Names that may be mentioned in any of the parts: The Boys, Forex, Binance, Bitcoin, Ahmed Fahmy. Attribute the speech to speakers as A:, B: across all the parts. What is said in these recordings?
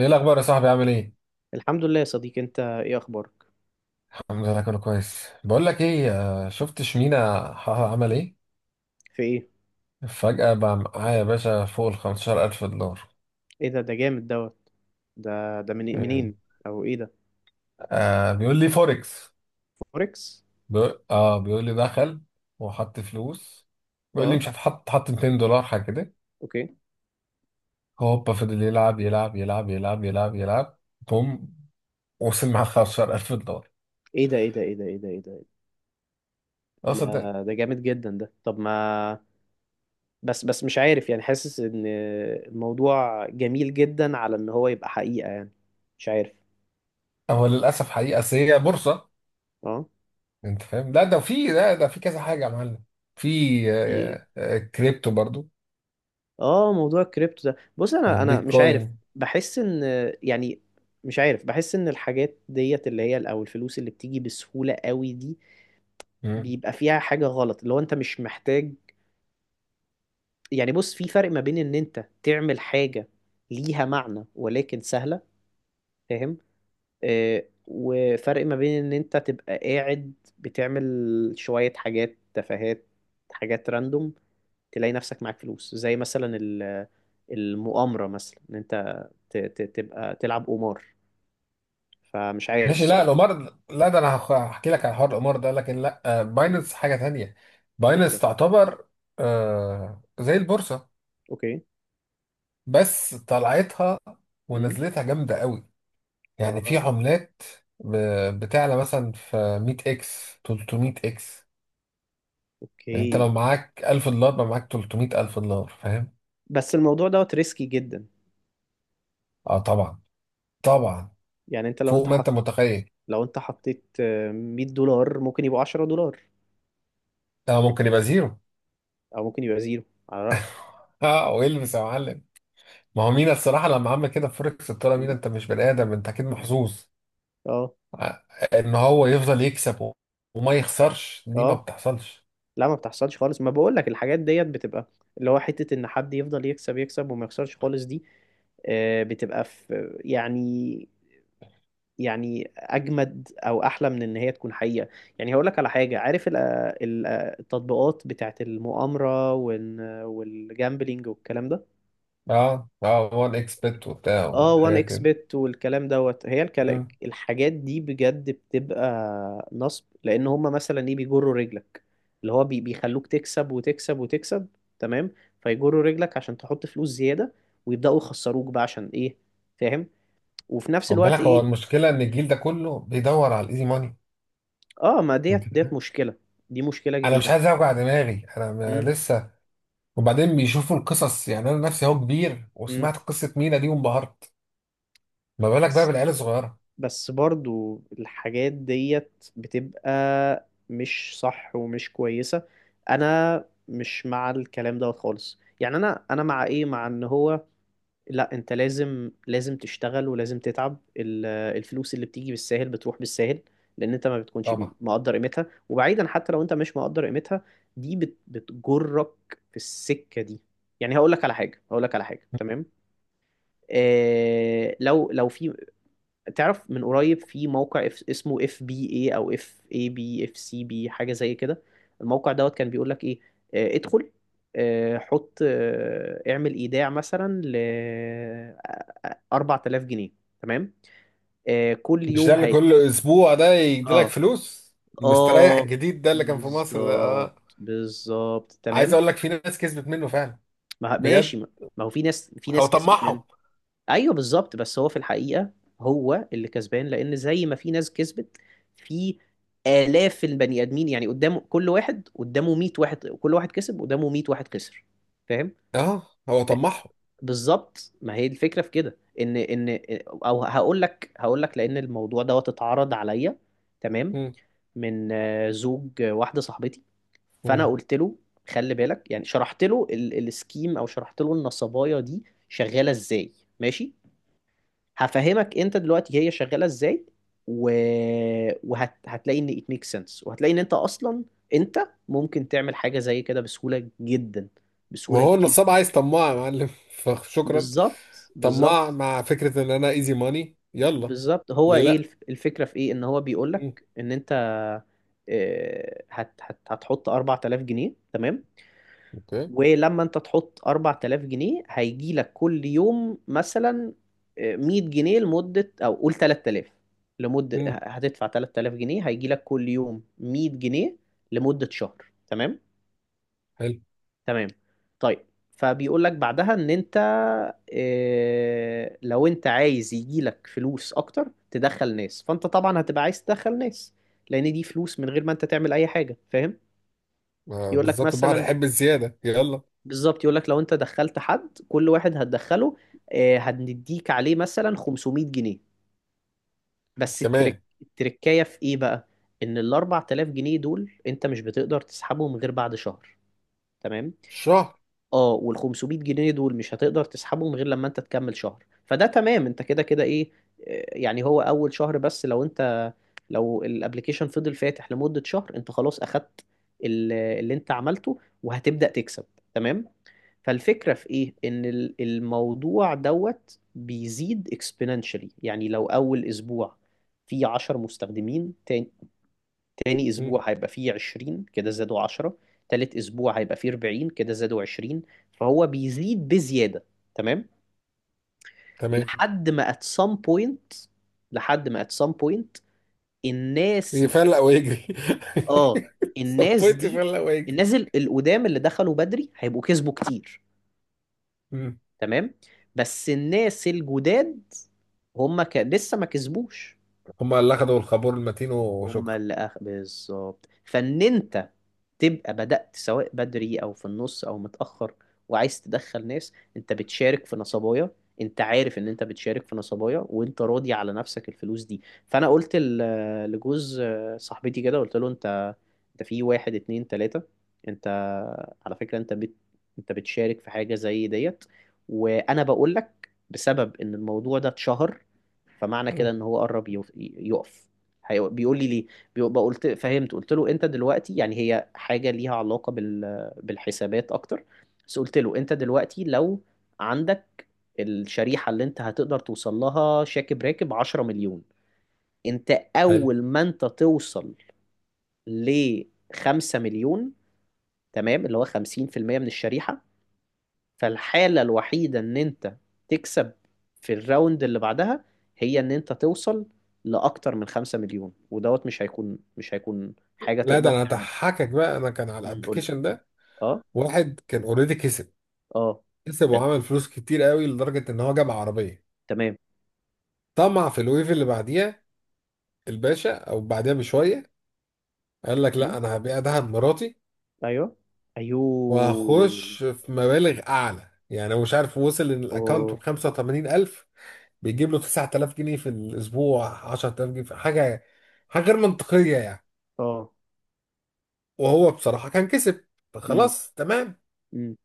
A: ايه الاخبار يا صاحبي، عامل ايه؟
B: الحمد لله يا صديقي، انت ايه اخبارك؟
A: الحمد لله، كله كويس. بقول لك ايه. شفت شمينا حها عمل ايه؟
B: في ايه؟
A: فجأة بقى معايا يا باشا فوق ال 15000 دولار.
B: ايه ده جامد دوت. ده من
A: مم.
B: منين؟ او ايه ده؟
A: آه، بيقول لي فوركس.
B: فوركس؟
A: بيقول لي دخل وحط فلوس. بيقول لي
B: اه.
A: مش هتحط، حط 200 دولار حاجه كده.
B: اوكي.
A: هوبا فضل يلعب يلعب يلعب يلعب يلعب يلعب. بوم. وصل مع 15000 دولار.
B: ايه ده؟ ايه ده؟ ايه ده؟ ايه ده؟ ايه ده؟
A: اصلا ده.
B: لا، ده جامد جدا ده. طب ما بس مش عارف، يعني حاسس ان الموضوع جميل جدا على ان هو يبقى حقيقة، يعني مش عارف.
A: هو للاسف حقيقه، أصل هي بورصه.
B: اه.
A: انت فاهم؟ لا ده في كذا حاجه يا معلم. في.
B: في ايه؟
A: كريبتو برضو.
B: اه، موضوع الكريبتو ده، بص انا مش عارف،
A: البيتكوين.
B: بحس ان، يعني مش عارف، بحس ان الحاجات ديت اللي هي او الفلوس اللي بتيجي بسهولة قوي دي
A: مم.
B: بيبقى فيها حاجة غلط، اللي هو انت مش محتاج. يعني بص، في فرق ما بين ان انت تعمل حاجة ليها معنى ولكن سهلة، فاهم؟ آه، وفرق ما بين ان انت تبقى قاعد بتعمل شوية حاجات تفاهات، حاجات راندوم، تلاقي نفسك معاك فلوس، زي مثلا المؤامرة، مثلا ان انت تبقى تلعب قمار، فمش عارف
A: ماشي، لا
B: الصراحة.
A: القمار. لا ده انا هحكي لك على حوار القمار ده، لكن لا،
B: مم.
A: باينانس حاجه تانية.
B: ايه
A: باينانس
B: ده؟
A: تعتبر. آه، زي البورصه.
B: اوكي.
A: بس طلعتها
B: امم
A: ونزلتها جامده قوي. يعني في
B: اه.
A: عملات. بتعلى مثلا في 100 اكس 300 اكس. يعني انت لو
B: اوكي.
A: معاك 1000 دولار بقى معاك 300 الف دولار، فاهم؟
B: بس الموضوع دوت ريسكي جدا،
A: اه، طبعا. طبعا.
B: يعني انت لو
A: فوق
B: انت
A: ما
B: حط
A: انت متخيل.
B: لو انت حطيت 100 دولار، ممكن يبقوا 10 دولار،
A: اه، ممكن يبقى زيرو.
B: او ممكن يبقى زيرو، على رأيك.
A: اه، ويلبس يا معلم. ما هو مينا الصراحه لما عمل كده في فوركس، قلت له: مينا
B: م؟
A: انت مش بني ادم، انت اكيد محظوظ.
B: اه،
A: آه، ان هو يفضل يكسب وما يخسرش، دي ما
B: اه.
A: بتحصلش.
B: لا، ما بتحصلش خالص، ما بقول لك الحاجات ديت بتبقى، اللي هو حتة ان حد يفضل يكسب يكسب وما يخسرش خالص دي، آه، بتبقى في يعني، يعني اجمد او احلى من ان هي تكون حقيقة. يعني هقول لك على حاجة. عارف التطبيقات بتاعت المؤامرة والجامبلينج والكلام ده؟
A: اه، اه، هو الاكس بت وبتاع
B: اه، وان
A: وحاجات
B: اكس
A: كده.
B: بت والكلام دوت، هي
A: مم.
B: الحاجات دي بجد بتبقى نصب، لان هما مثلا ايه؟ بيجروا رجلك، اللي هو بيخلوك تكسب وتكسب وتكسب، تمام؟ فيجروا رجلك عشان تحط فلوس زيادة، ويبدأوا يخسروك بقى، عشان ايه؟ فاهم؟ وفي نفس
A: خد بالك،
B: الوقت
A: هو
B: ايه.
A: المشكله ان
B: م.
A: الجيل ده كله بيدور على الايزي ماني.
B: اه، ما
A: انت
B: ديت
A: فاهم؟
B: مشكلة، دي مشكلة
A: انا مش
B: كبيرة.
A: عايز اوجع دماغي، انا
B: امم
A: لسه. وبعدين بيشوفوا القصص. يعني انا نفسي اهو كبير
B: امم
A: وسمعت قصه مينا دي وانبهرت. ما بالك بقى بالعيال الصغيره.
B: بس برضو الحاجات ديت بتبقى مش صح ومش كويسة. انا مش مع الكلام دوت خالص، يعني انا مع ايه، مع ان هو، لا انت لازم تشتغل ولازم تتعب. الفلوس اللي بتيجي بالساهل بتروح بالساهل، لان انت ما بتكونش
A: طبعا.
B: مقدر قيمتها، وبعيدا حتى لو انت مش مقدر قيمتها، دي بتجرك في السكة دي. يعني هقول لك على حاجة، تمام. لو في، تعرف، من قريب، في موقع اف، اسمه اف بي اي، او اف اي بي، اف سي بي، حاجه زي كده، الموقع دوت كان بيقول لك ايه، ادخل، حط، اعمل ايداع مثلا ل 4000 جنيه، تمام، كل
A: مش ده
B: يوم
A: اللي
B: هي.
A: كل اسبوع ده يديلك
B: اه،
A: فلوس؟ المستريح
B: اه،
A: الجديد ده اللي كان في مصر ده،
B: بالظبط،
A: اه.
B: بالظبط،
A: عايز
B: تمام.
A: اقول لك في ناس كسبت منه فعلا.
B: ما، ماشي،
A: بجد.
B: ما هو في
A: هو
B: ناس كسبت.
A: طمعهم.
B: ايوه، بالظبط، بس هو في الحقيقه هو اللي كسبان، لان زي ما في ناس كسبت، في آلاف البني آدمين، يعني قدامه، كل واحد قدامه 100 واحد، كل واحد كسب قدامه 100 واحد خسر، فاهم؟
A: اه، هو طمعهم.
B: بالظبط، ما هي الفكرة في كده، ان او هقول لك لان الموضوع دوت اتعرض عليا، تمام،
A: مم.
B: من زوج واحدة صاحبتي. فانا
A: مم.
B: قلت له خلي بالك، يعني شرحت له السكيم، او شرحت له النصبايه دي شغاله ازاي. ماشي، هفهمك انت دلوقتي هي شغاله ازاي. و... وهتلاقي ان it makes sense، وهتلاقي ان انت ممكن تعمل حاجه زي كده بسهوله جدا، بسهوله
A: وهو النصاب
B: جدا.
A: عايز طماع يا معلم فشكرا.
B: بالظبط،
A: طماع
B: بالظبط.
A: مع فكرة ان انا ايزي ماني، يلا.
B: بالظبط، هو
A: ليه
B: ايه
A: لا؟
B: الفكره في ايه؟ ان هو
A: مم.
B: بيقولك ان انت هتحط 4000 جنيه، تمام.
A: اوكي.
B: ولما انت تحط 4000 جنيه، هيجي لك كل يوم مثلا 100 جنيه لمدة، او قول 3000، لمدة،
A: مم.
B: هتدفع 3000 جنيه هيجي لك كل يوم 100 جنيه لمدة شهر، تمام.
A: حلو.
B: تمام. طيب، فبيقول لك بعدها ان انت، اه، لو انت عايز يجي لك فلوس اكتر تدخل ناس، فانت طبعا هتبقى عايز تدخل ناس، لان دي فلوس من غير ما انت تعمل اي حاجة، فاهم.
A: آه،
B: يقول لك
A: بالظبط، البحر
B: مثلا
A: يحب الزيادة، يلا.
B: بالظبط، يقول لك لو انت دخلت حد، كل واحد هتدخله هنديك عليه مثلا 500 جنيه. بس
A: كمان.
B: التركايه في ايه بقى، ان ال 4000 جنيه دول انت مش بتقدر تسحبهم غير بعد شهر، تمام.
A: الشهر.
B: اه، وال 500 جنيه دول مش هتقدر تسحبهم غير لما انت تكمل شهر، فده تمام، انت كده كده ايه. يعني هو اول شهر بس، لو الابلكيشن فضل فاتح لمدة شهر، انت خلاص اخدت اللي انت عملته، وهتبدأ تكسب، تمام. فالفكرة في ايه؟ ان الموضوع دوت بيزيد exponentially، يعني لو اول اسبوع في 10 مستخدمين، تاني
A: مم.
B: اسبوع هيبقى فيه 20، كده زادوا 10. تالت اسبوع هيبقى فيه 40، كده زادوا 20. فهو بيزيد بزيادة، تمام.
A: تمام.
B: لحد ما at some point لحد ما at some point، الناس دي
A: يفلق ويجري.
B: اه الناس
A: صبيت
B: دي،
A: يفلق ويجري.
B: الناس القدام اللي دخلوا بدري هيبقوا كسبوا كتير، تمام. بس الناس الجداد، هما لسه ما كسبوش،
A: هما اللي اخدوا الخابور المتين
B: هما
A: وشكرا.
B: بالظبط. فان انت تبقى بدأت سواء بدري أو في النص أو متأخر، وعايز تدخل ناس، أنت بتشارك في نصبايا. أنت عارف إن أنت بتشارك في نصبايا وأنت راضي على نفسك، الفلوس دي. فأنا قلت لجوز صاحبتي كده، قلت له أنت في واحد، اتنين، تلاتة، أنت على فكرة أنت بتشارك في حاجة زي ديت. وأنا بقول لك بسبب إن الموضوع ده اتشهر، فمعنى كده
A: مم.
B: إن هو قرب يقف, يقف. بيقول لي ليه، بيبقى قلت فهمت، قلت له انت دلوقتي يعني هي حاجة ليها علاقة بالحسابات اكتر، بس قلت له انت دلوقتي لو عندك الشريحة اللي انت هتقدر توصل لها، شاكب راكب 10 مليون، انت
A: حلو.
B: اول ما انت توصل ل 5 مليون، تمام، اللي هو 50% من الشريحة، فالحالة الوحيدة ان انت تكسب في الراوند اللي بعدها، هي ان انت توصل لأكتر من 5 مليون، ودوت مش هيكون حاجة
A: لا ده
B: تقدر
A: انا
B: تعملها.
A: هضحكك بقى، انا كان على
B: مم. قول لي.
A: الابلكيشن ده.
B: اه.
A: واحد كان اوريدي كسب.
B: اه.
A: كسب
B: حلو.
A: وعمل فلوس كتير قوي لدرجه ان هو جاب عربيه.
B: تمام.
A: طمع في الويف اللي بعديها، الباشا، او بعديها بشويه قال لك: لا،
B: مم.
A: انا هبيع دهب مراتي
B: ايوه. ايوه.
A: وهخش في مبالغ اعلى. يعني هو مش عارف وصل ان الاكونت ب
B: اوف.
A: 85000. بيجيب له 9000 جنيه في الاسبوع، 10000 جنيه في حاجه. حاجه غير منطقيه يعني.
B: اه.
A: وهو بصراحه كان كسب،
B: مم.
A: فخلاص تمام.
B: مم.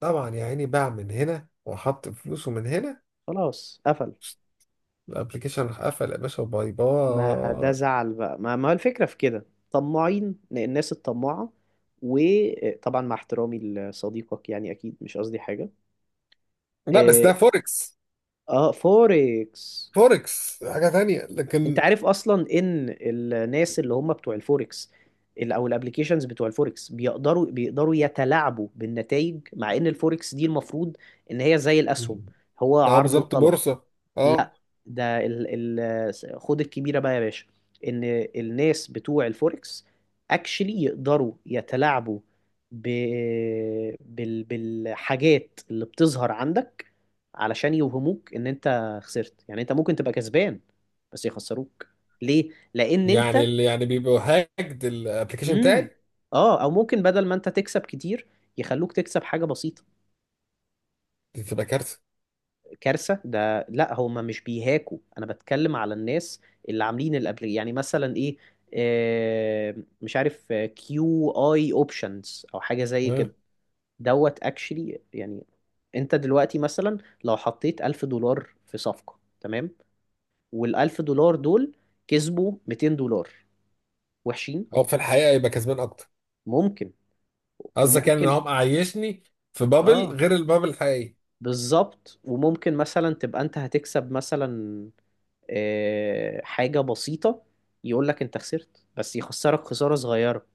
A: طبعا يا عيني باع من هنا وحط فلوسه من هنا.
B: خلاص قفل.
A: الابلكيشن راح قفل يا باشا، وباي
B: ما ده
A: باي.
B: زعل بقى، ما هو الفكرة في كده، طماعين الناس الطماعة. وطبعا مع احترامي لصديقك، يعني اكيد مش قصدي حاجة.
A: لا بس
B: اه.
A: ده فوركس.
B: فوركس،
A: فوركس حاجة تانية
B: انت
A: لكن.
B: عارف اصلا ان الناس اللي هم بتوع الفوركس، او الابليكيشنز بتوع الفوركس بيقدروا يتلاعبوا بالنتائج، مع ان الفوركس دي المفروض ان هي زي الاسهم، هو
A: اه،
B: عرض
A: بالظبط،
B: وطلب.
A: بورصة. اه.
B: لا، ده ال خد الكبيرة بقى يا باشا، ان الناس بتوع الفوركس اكشلي يقدروا يتلاعبوا ب... بالحاجات اللي بتظهر عندك، علشان يوهموك ان انت خسرت. يعني انت ممكن تبقى كسبان بس يخسروك. ليه؟ لان انت.
A: يعني اللي يعني بيبقوا هاكد الابلكيشن
B: مم.
A: بتاعي.
B: اه، او ممكن بدل ما انت تكسب كتير، يخلوك تكسب حاجة بسيطة.
A: دي تبقى كارثة.
B: كارثة، ده لا، هما مش بيهاكوا، انا بتكلم على الناس اللي عاملين الابلي، يعني مثلا ايه، آه، مش عارف، كيو اي اوبشنز او حاجة زي
A: آه.
B: كده. دوت اكشلي، يعني انت دلوقتي مثلا لو حطيت ألف دولار في صفقة، تمام، والألف دولار دول كسبوا 200 دولار، وحشين.
A: او في الحقيقة يبقى كسبان اكتر.
B: ممكن،
A: قصدك يعني ان
B: وممكن،
A: هو معيشني في بابل
B: اه،
A: غير البابل الحقيقي.
B: بالظبط، وممكن مثلا تبقى انت هتكسب مثلا حاجة بسيطة، يقول لك انت خسرت بس يخسرك خسارة صغيرة،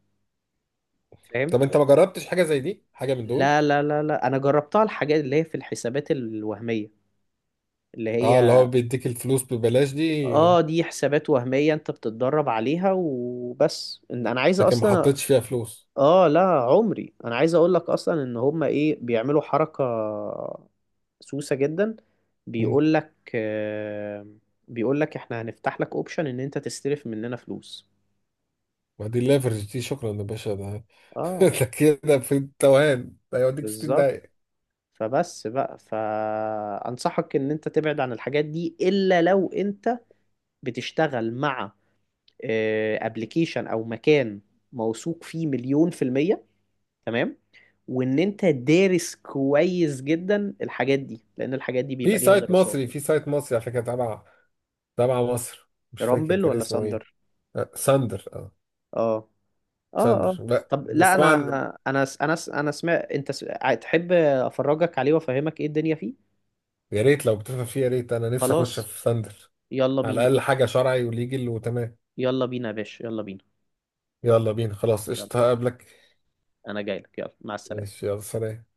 B: فاهم.
A: طب انت ما جربتش حاجة زي دي، حاجة من دول؟
B: لا، لا، لا، لا، انا جربتها، الحاجات اللي هي في الحسابات الوهمية، اللي
A: اه، اللي هو
B: هي
A: بيديك الفلوس ببلاش دي.
B: اه، دي حسابات وهمية، انت بتتدرب عليها وبس، ان انا عايز
A: لكن ما
B: اصلا.
A: حطيتش فيها فلوس.
B: اه، لا عمري، انا عايز اقول لك اصلا ان هما ايه، بيعملوا حركة سوسة جدا. بيقول لك آه بيقول لك احنا هنفتح لك اوبشن ان انت تستلف مننا فلوس.
A: ما دي الليفرج دي، شكرا يا باشا ده
B: اه،
A: ده كده في التوهان ده يوديك في 60
B: بالظبط.
A: دقيقة.
B: فبس بقى، فأنصحك إن أنت تبعد عن الحاجات دي، إلا لو أنت بتشتغل مع ابلكيشن أو مكان موثوق فيه مليون في المية، تمام، وإن أنت دارس كويس جدا الحاجات دي، لأن الحاجات دي
A: في
B: بيبقى ليها
A: سايت
B: دراسات
A: مصري،
B: يعني.
A: في سايت مصري على فكرة، تبع مصر، مش فاكر
B: رامبل
A: كان
B: ولا
A: اسمه ايه.
B: ساندر؟
A: آه، ساندر، اه.
B: آه. آه.
A: ساندر،
B: آه.
A: لا
B: طب لا،
A: بس طبعا.
B: أنا سمعت، تحب أفرجك عليه وأفهمك إيه الدنيا فيه؟
A: يا ريت لو بتفهم فيه، يا ريت، انا نفسي اخش
B: خلاص،
A: في ساندر.
B: يلا
A: على
B: بينا.
A: الاقل حاجة شرعي وليجل وتمام.
B: يلا بينا يا باشا، يلا بينا.
A: يلا بينا خلاص،
B: يلا.
A: قشطة، هقابلك.
B: انا جاي لك. يلا، مع السلامه.
A: ماشي، يلا سلام.